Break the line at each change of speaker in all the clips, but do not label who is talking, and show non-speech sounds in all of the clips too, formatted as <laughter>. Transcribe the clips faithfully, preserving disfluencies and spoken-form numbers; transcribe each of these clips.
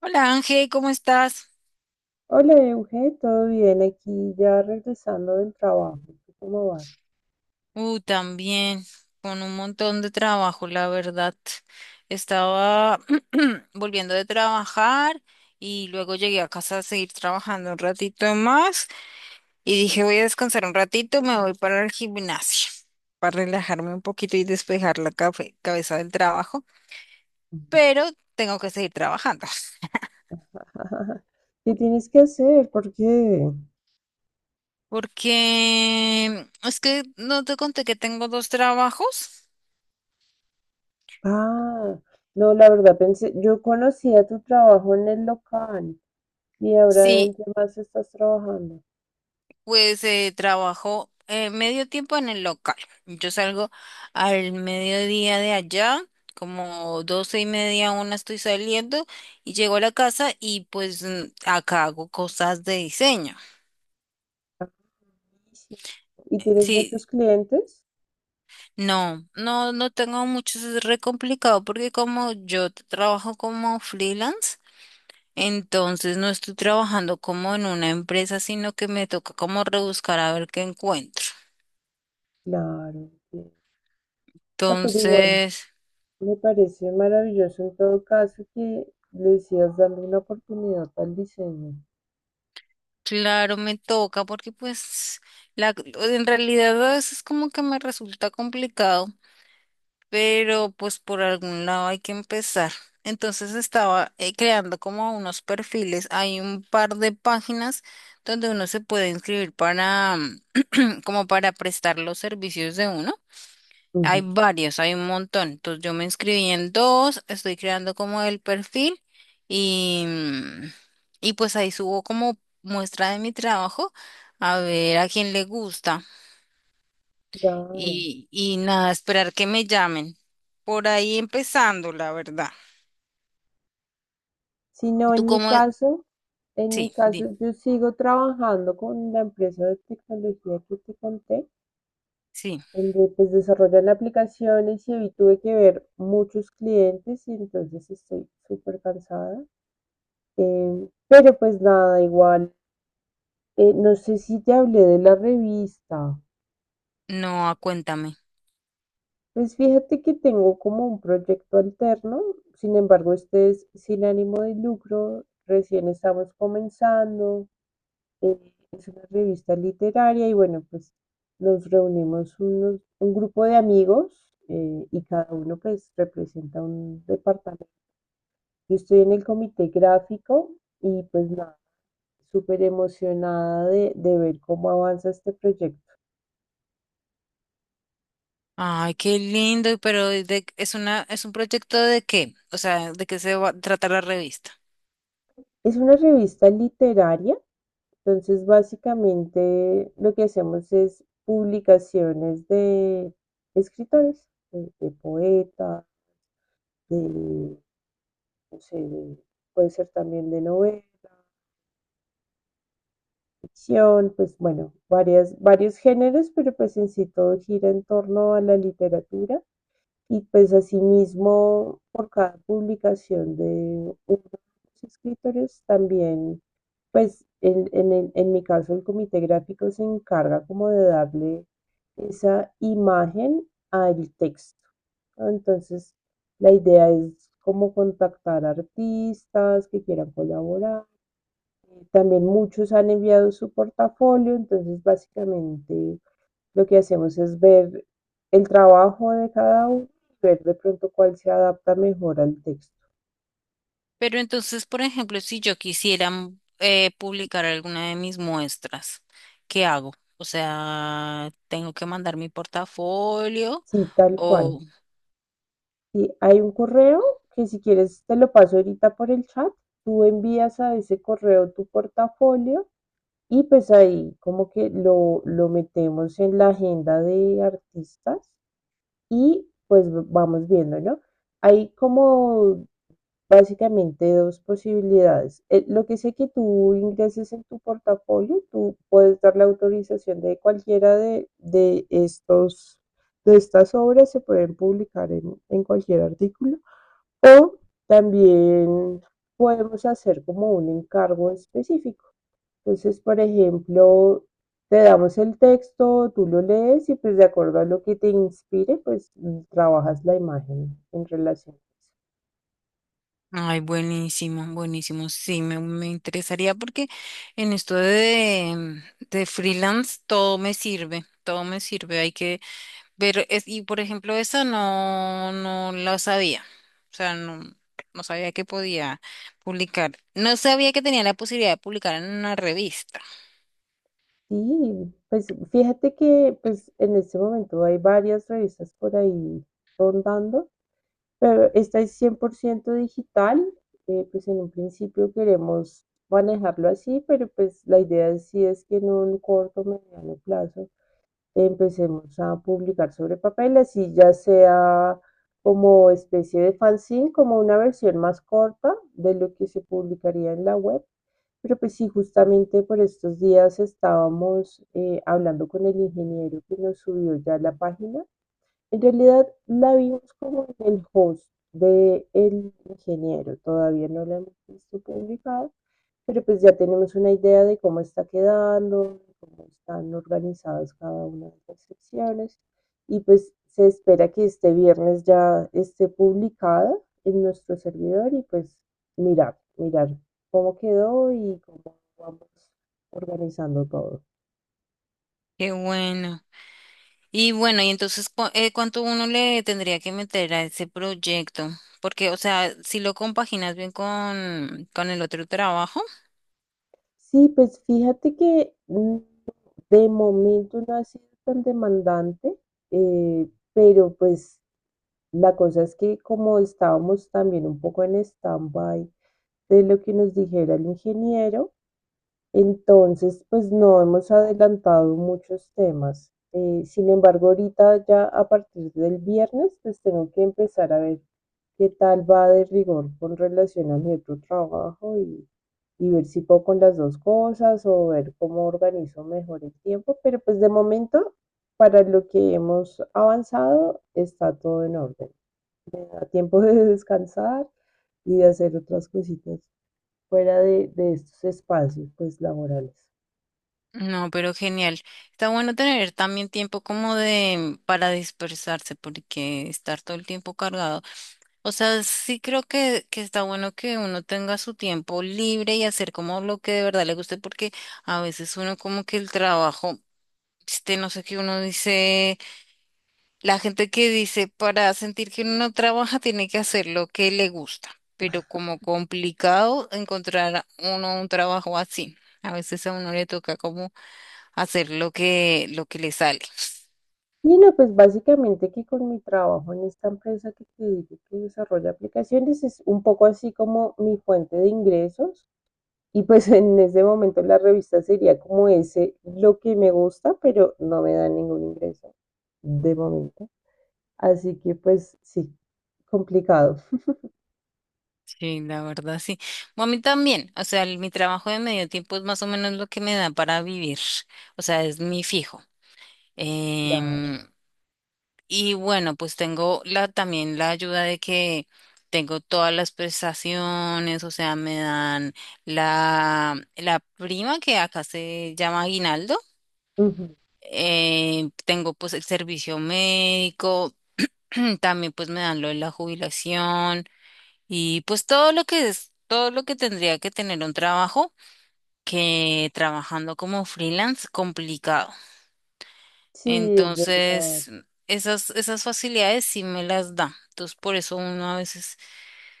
Hola Ángel, ¿cómo estás?
Hola, Euge, ¿todo bien? Aquí ya regresando del trabajo. ¿Tú cómo vas?
Uh, también, con un montón de trabajo, la verdad. Estaba <clears throat> volviendo de trabajar y luego llegué a casa a seguir trabajando un ratito más y dije voy a descansar un ratito, me voy para el gimnasio para relajarme un poquito y despejar la cafe- cabeza del trabajo,
Ujú.
pero tengo que seguir trabajando <laughs>
<laughs> ¿Qué tienes que hacer? ¿Por qué?
porque es que no te conté que tengo dos trabajos.
Ah, no, la verdad pensé, yo conocía tu trabajo en el local y ahora ¿en
Sí.
qué más estás trabajando?
Pues eh, trabajo eh, medio tiempo en el local. Yo salgo al mediodía de allá, como doce y media, una estoy saliendo y llego a la casa y pues mm, acá hago cosas de diseño.
Sí. ¿Y tienes
Sí,
muchos clientes?
no, no, no tengo mucho, es re complicado porque como yo t- trabajo como freelance, entonces no estoy trabajando como en una empresa, sino que me toca como rebuscar a ver qué encuentro.
Claro, sí. No, pero igual,
Entonces…
me parece maravilloso en todo caso que le sigas dando una oportunidad al diseño.
Claro, me toca porque pues la, en realidad a veces como que me resulta complicado, pero pues por algún lado hay que empezar. Entonces estaba eh, creando como unos perfiles. Hay un par de páginas donde uno se puede inscribir para <clears throat> como para prestar los servicios de uno. Hay
Ujú.
varios, hay un montón. Entonces yo me inscribí en dos, estoy creando como el perfil y, mm, y pues ahí subo como muestra de mi trabajo a ver a quién le gusta
Claro.
y, y nada, esperar que me llamen. Por ahí empezando, la verdad.
sino
¿Tú
en mi
cómo es?
caso, en mi
Sí, di,
caso yo sigo trabajando con la empresa de tecnología que te conté,
sí.
donde pues desarrollan aplicaciones y hoy tuve que ver muchos clientes y entonces estoy súper cansada. Eh, pero pues nada, igual, eh, no sé si te hablé de la revista.
No, ah, cuéntame.
Pues fíjate que tengo como un proyecto alterno, sin embargo, este es sin ánimo de lucro, recién estamos comenzando. eh, es una revista literaria y bueno, pues nos reunimos unos, un grupo de amigos eh, y cada uno pues representa un departamento. Yo estoy en el comité gráfico y pues nada, súper emocionada de, de ver cómo avanza este proyecto.
Ay, qué lindo, pero ¿de- ¿es una, es un proyecto de qué? O sea, ¿de qué se va, trata la revista?
Es una revista literaria, entonces básicamente lo que hacemos es publicaciones de escritores, de, de poetas, de sí, puede ser también de novela, ficción, pues bueno, varias, varios géneros, pero pues en sí todo gira en torno a la literatura y pues asimismo por cada publicación de uno de los escritores también, pues en, en, el- en mi caso el comité gráfico se encarga como de darle esa imagen al texto, ¿no? Entonces, la idea es como contactar artistas que quieran colaborar, eh, también muchos han enviado su portafolio, entonces básicamente lo que hacemos es ver el trabajo de cada uno, ver de pronto cuál se adapta mejor al texto.
Pero entonces, por ejemplo, si yo quisiera mm, eh, publicar alguna de mis muestras, ¿qué hago? O sea, tengo que mandar mi portafolio
Sí, tal
o…
cual. Sí, hay un correo que si quieres te lo paso ahorita por el chat, tú envías a ese correo tu portafolio y pues ahí como que lo, lo metemos en la agenda de artistas y pues vamos viendo, ¿no? Hay como básicamente dos posibilidades. Eh, Lo que sé que tú ingreses en tu portafolio, tú puedes dar la autorización de cualquiera de, de estos, de estas obras, se pueden publicar en, en cualquier artículo. O también podemos hacer como un encargo específico. Entonces, por ejemplo, te damos el texto, tú lo lees y pues de acuerdo a lo que te inspire, pues trabajas la imagen en relación.
Ay, buenísimo, buenísimo. Sí, me, me interesaría porque en esto de, de freelance todo me sirve, todo me sirve. Hay que… Pero es, y por ejemplo, esa no, no la sabía. O sea, no, no sabía que podía publicar. No sabía que tenía la posibilidad de publicar en una revista.
Sí, pues fíjate que pues en este momento hay varias revistas por ahí rondando, pero esta es cien por ciento digital. Eh, pues en un principio queremos manejarlo así, pero pues la idea sí es que en un corto, mediano plazo empecemos a publicar sobre papel, así ya sea como especie de fanzine, como una versión más corta de lo que se publicaría en la web. Pero pues sí, justamente por estos días estábamos eh, hablando con el ingeniero que nos subió ya la página, en realidad la vimos como en el host de El Ingeniero, todavía no la hemos visto publicada, pero pues ya tenemos una idea de cómo está quedando, de cómo están organizadas cada una de las secciones y pues se espera que este viernes ya esté publicada en nuestro servidor y pues mirar, mirar cómo quedó y cómo vamos organizando todo.
Qué bueno. Y bueno, y entonces, cu- eh, ¿cuánto uno le tendría que meter a ese proyecto? Porque, o sea, si lo compaginas bien con, con el otro trabajo,
Sí, pues fíjate que mm, de momento no ha sido tan demandante, eh, pero pues la cosa es que como estábamos también un poco en stand-by de lo que nos dijera el ingeniero, entonces pues no hemos adelantado muchos temas. Eh, sin embargo, ahorita ya a partir del viernes pues tengo que empezar a ver qué tal va de rigor con relación a mi otro trabajo y, y ver si puedo con las dos cosas o ver cómo organizo mejor el tiempo, pero pues de momento, para lo que hemos avanzado, está todo en orden. A tiempo de descansar y de hacer otras cositas fuera de, de estos espacios pues laborales.
no, pero genial. Está bueno tener también tiempo como de para dispersarse, porque estar todo el tiempo cargado… O sea, sí creo que, que está bueno que uno tenga su tiempo libre y hacer como lo que de verdad le guste, porque a veces uno como que el trabajo, este, no sé qué uno dice, la gente que dice para sentir que uno no trabaja <laughs> tiene que hacer lo que le gusta, pero como complicado encontrar a uno un trabajo así. A veces a uno le toca como hacer lo que, lo que le sale.
Y no, pues básicamente que con mi trabajo en esta empresa que te digo que desarrolla aplicaciones es un poco así como mi fuente de ingresos. Y pues en ese momento la revista sería como ese lo que me gusta, pero no me da ningún ingreso de momento. Así que pues sí, complicado. <laughs>
Sí, la verdad, sí. Bueno, a mí también, o sea, el- mi trabajo de medio tiempo es más o menos lo que me da para vivir, o sea, es mi fijo.
Claro.
Em, y bueno, pues tengo la, también la ayuda de que tengo todas las prestaciones, o sea, me dan la, la prima que acá se llama aguinaldo,
Ujú.
em, tengo pues el servicio médico, <clears throat> también pues me dan lo de la jubilación. Y pues todo lo que es, todo lo que tendría que tener un trabajo, que trabajando como freelance, complicado.
Sí, es verdad.
Entonces, esas, esas facilidades sí me las da. Entonces, por eso uno a veces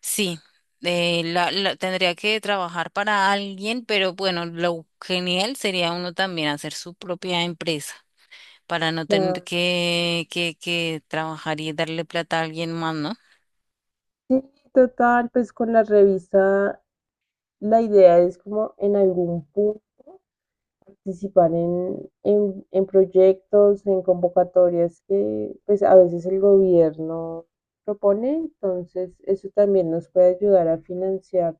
sí, eh, la, la- tendría que trabajar para alguien, pero bueno, lo genial sería uno también hacer su propia empresa para no tener
Claro.
que, que, que trabajar y darle plata a alguien más, ¿no?
Sí, total, pues con la revista la idea es como en algún punto participar en, en, en proyectos, en convocatorias que pues a veces el gobierno propone, entonces eso también nos puede ayudar a financiar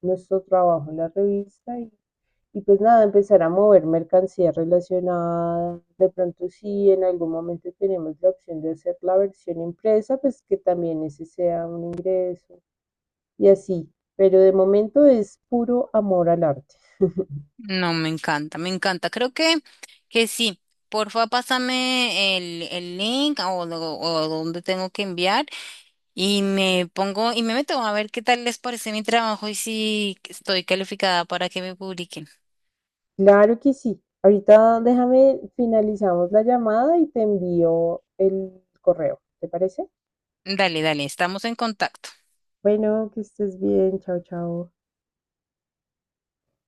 nuestro trabajo en la revista y, y pues nada, empezar a mover mercancía relacionada, de pronto si en algún momento tenemos la opción de hacer la versión impresa, pues que también ese sea un ingreso y así, pero de momento es puro amor al arte.
No, me encanta, me encanta. Creo que, que sí. Porfa, pásame el, el link o, lo- o dónde tengo que enviar y me pongo y me meto a ver qué tal les parece mi trabajo y si estoy calificada para que me publiquen.
Claro que sí. Ahorita déjame, finalizamos la llamada y te envío el correo. ¿Te parece?
Dale, dale, estamos en contacto.
Bueno, que estés bien. Chao, chao.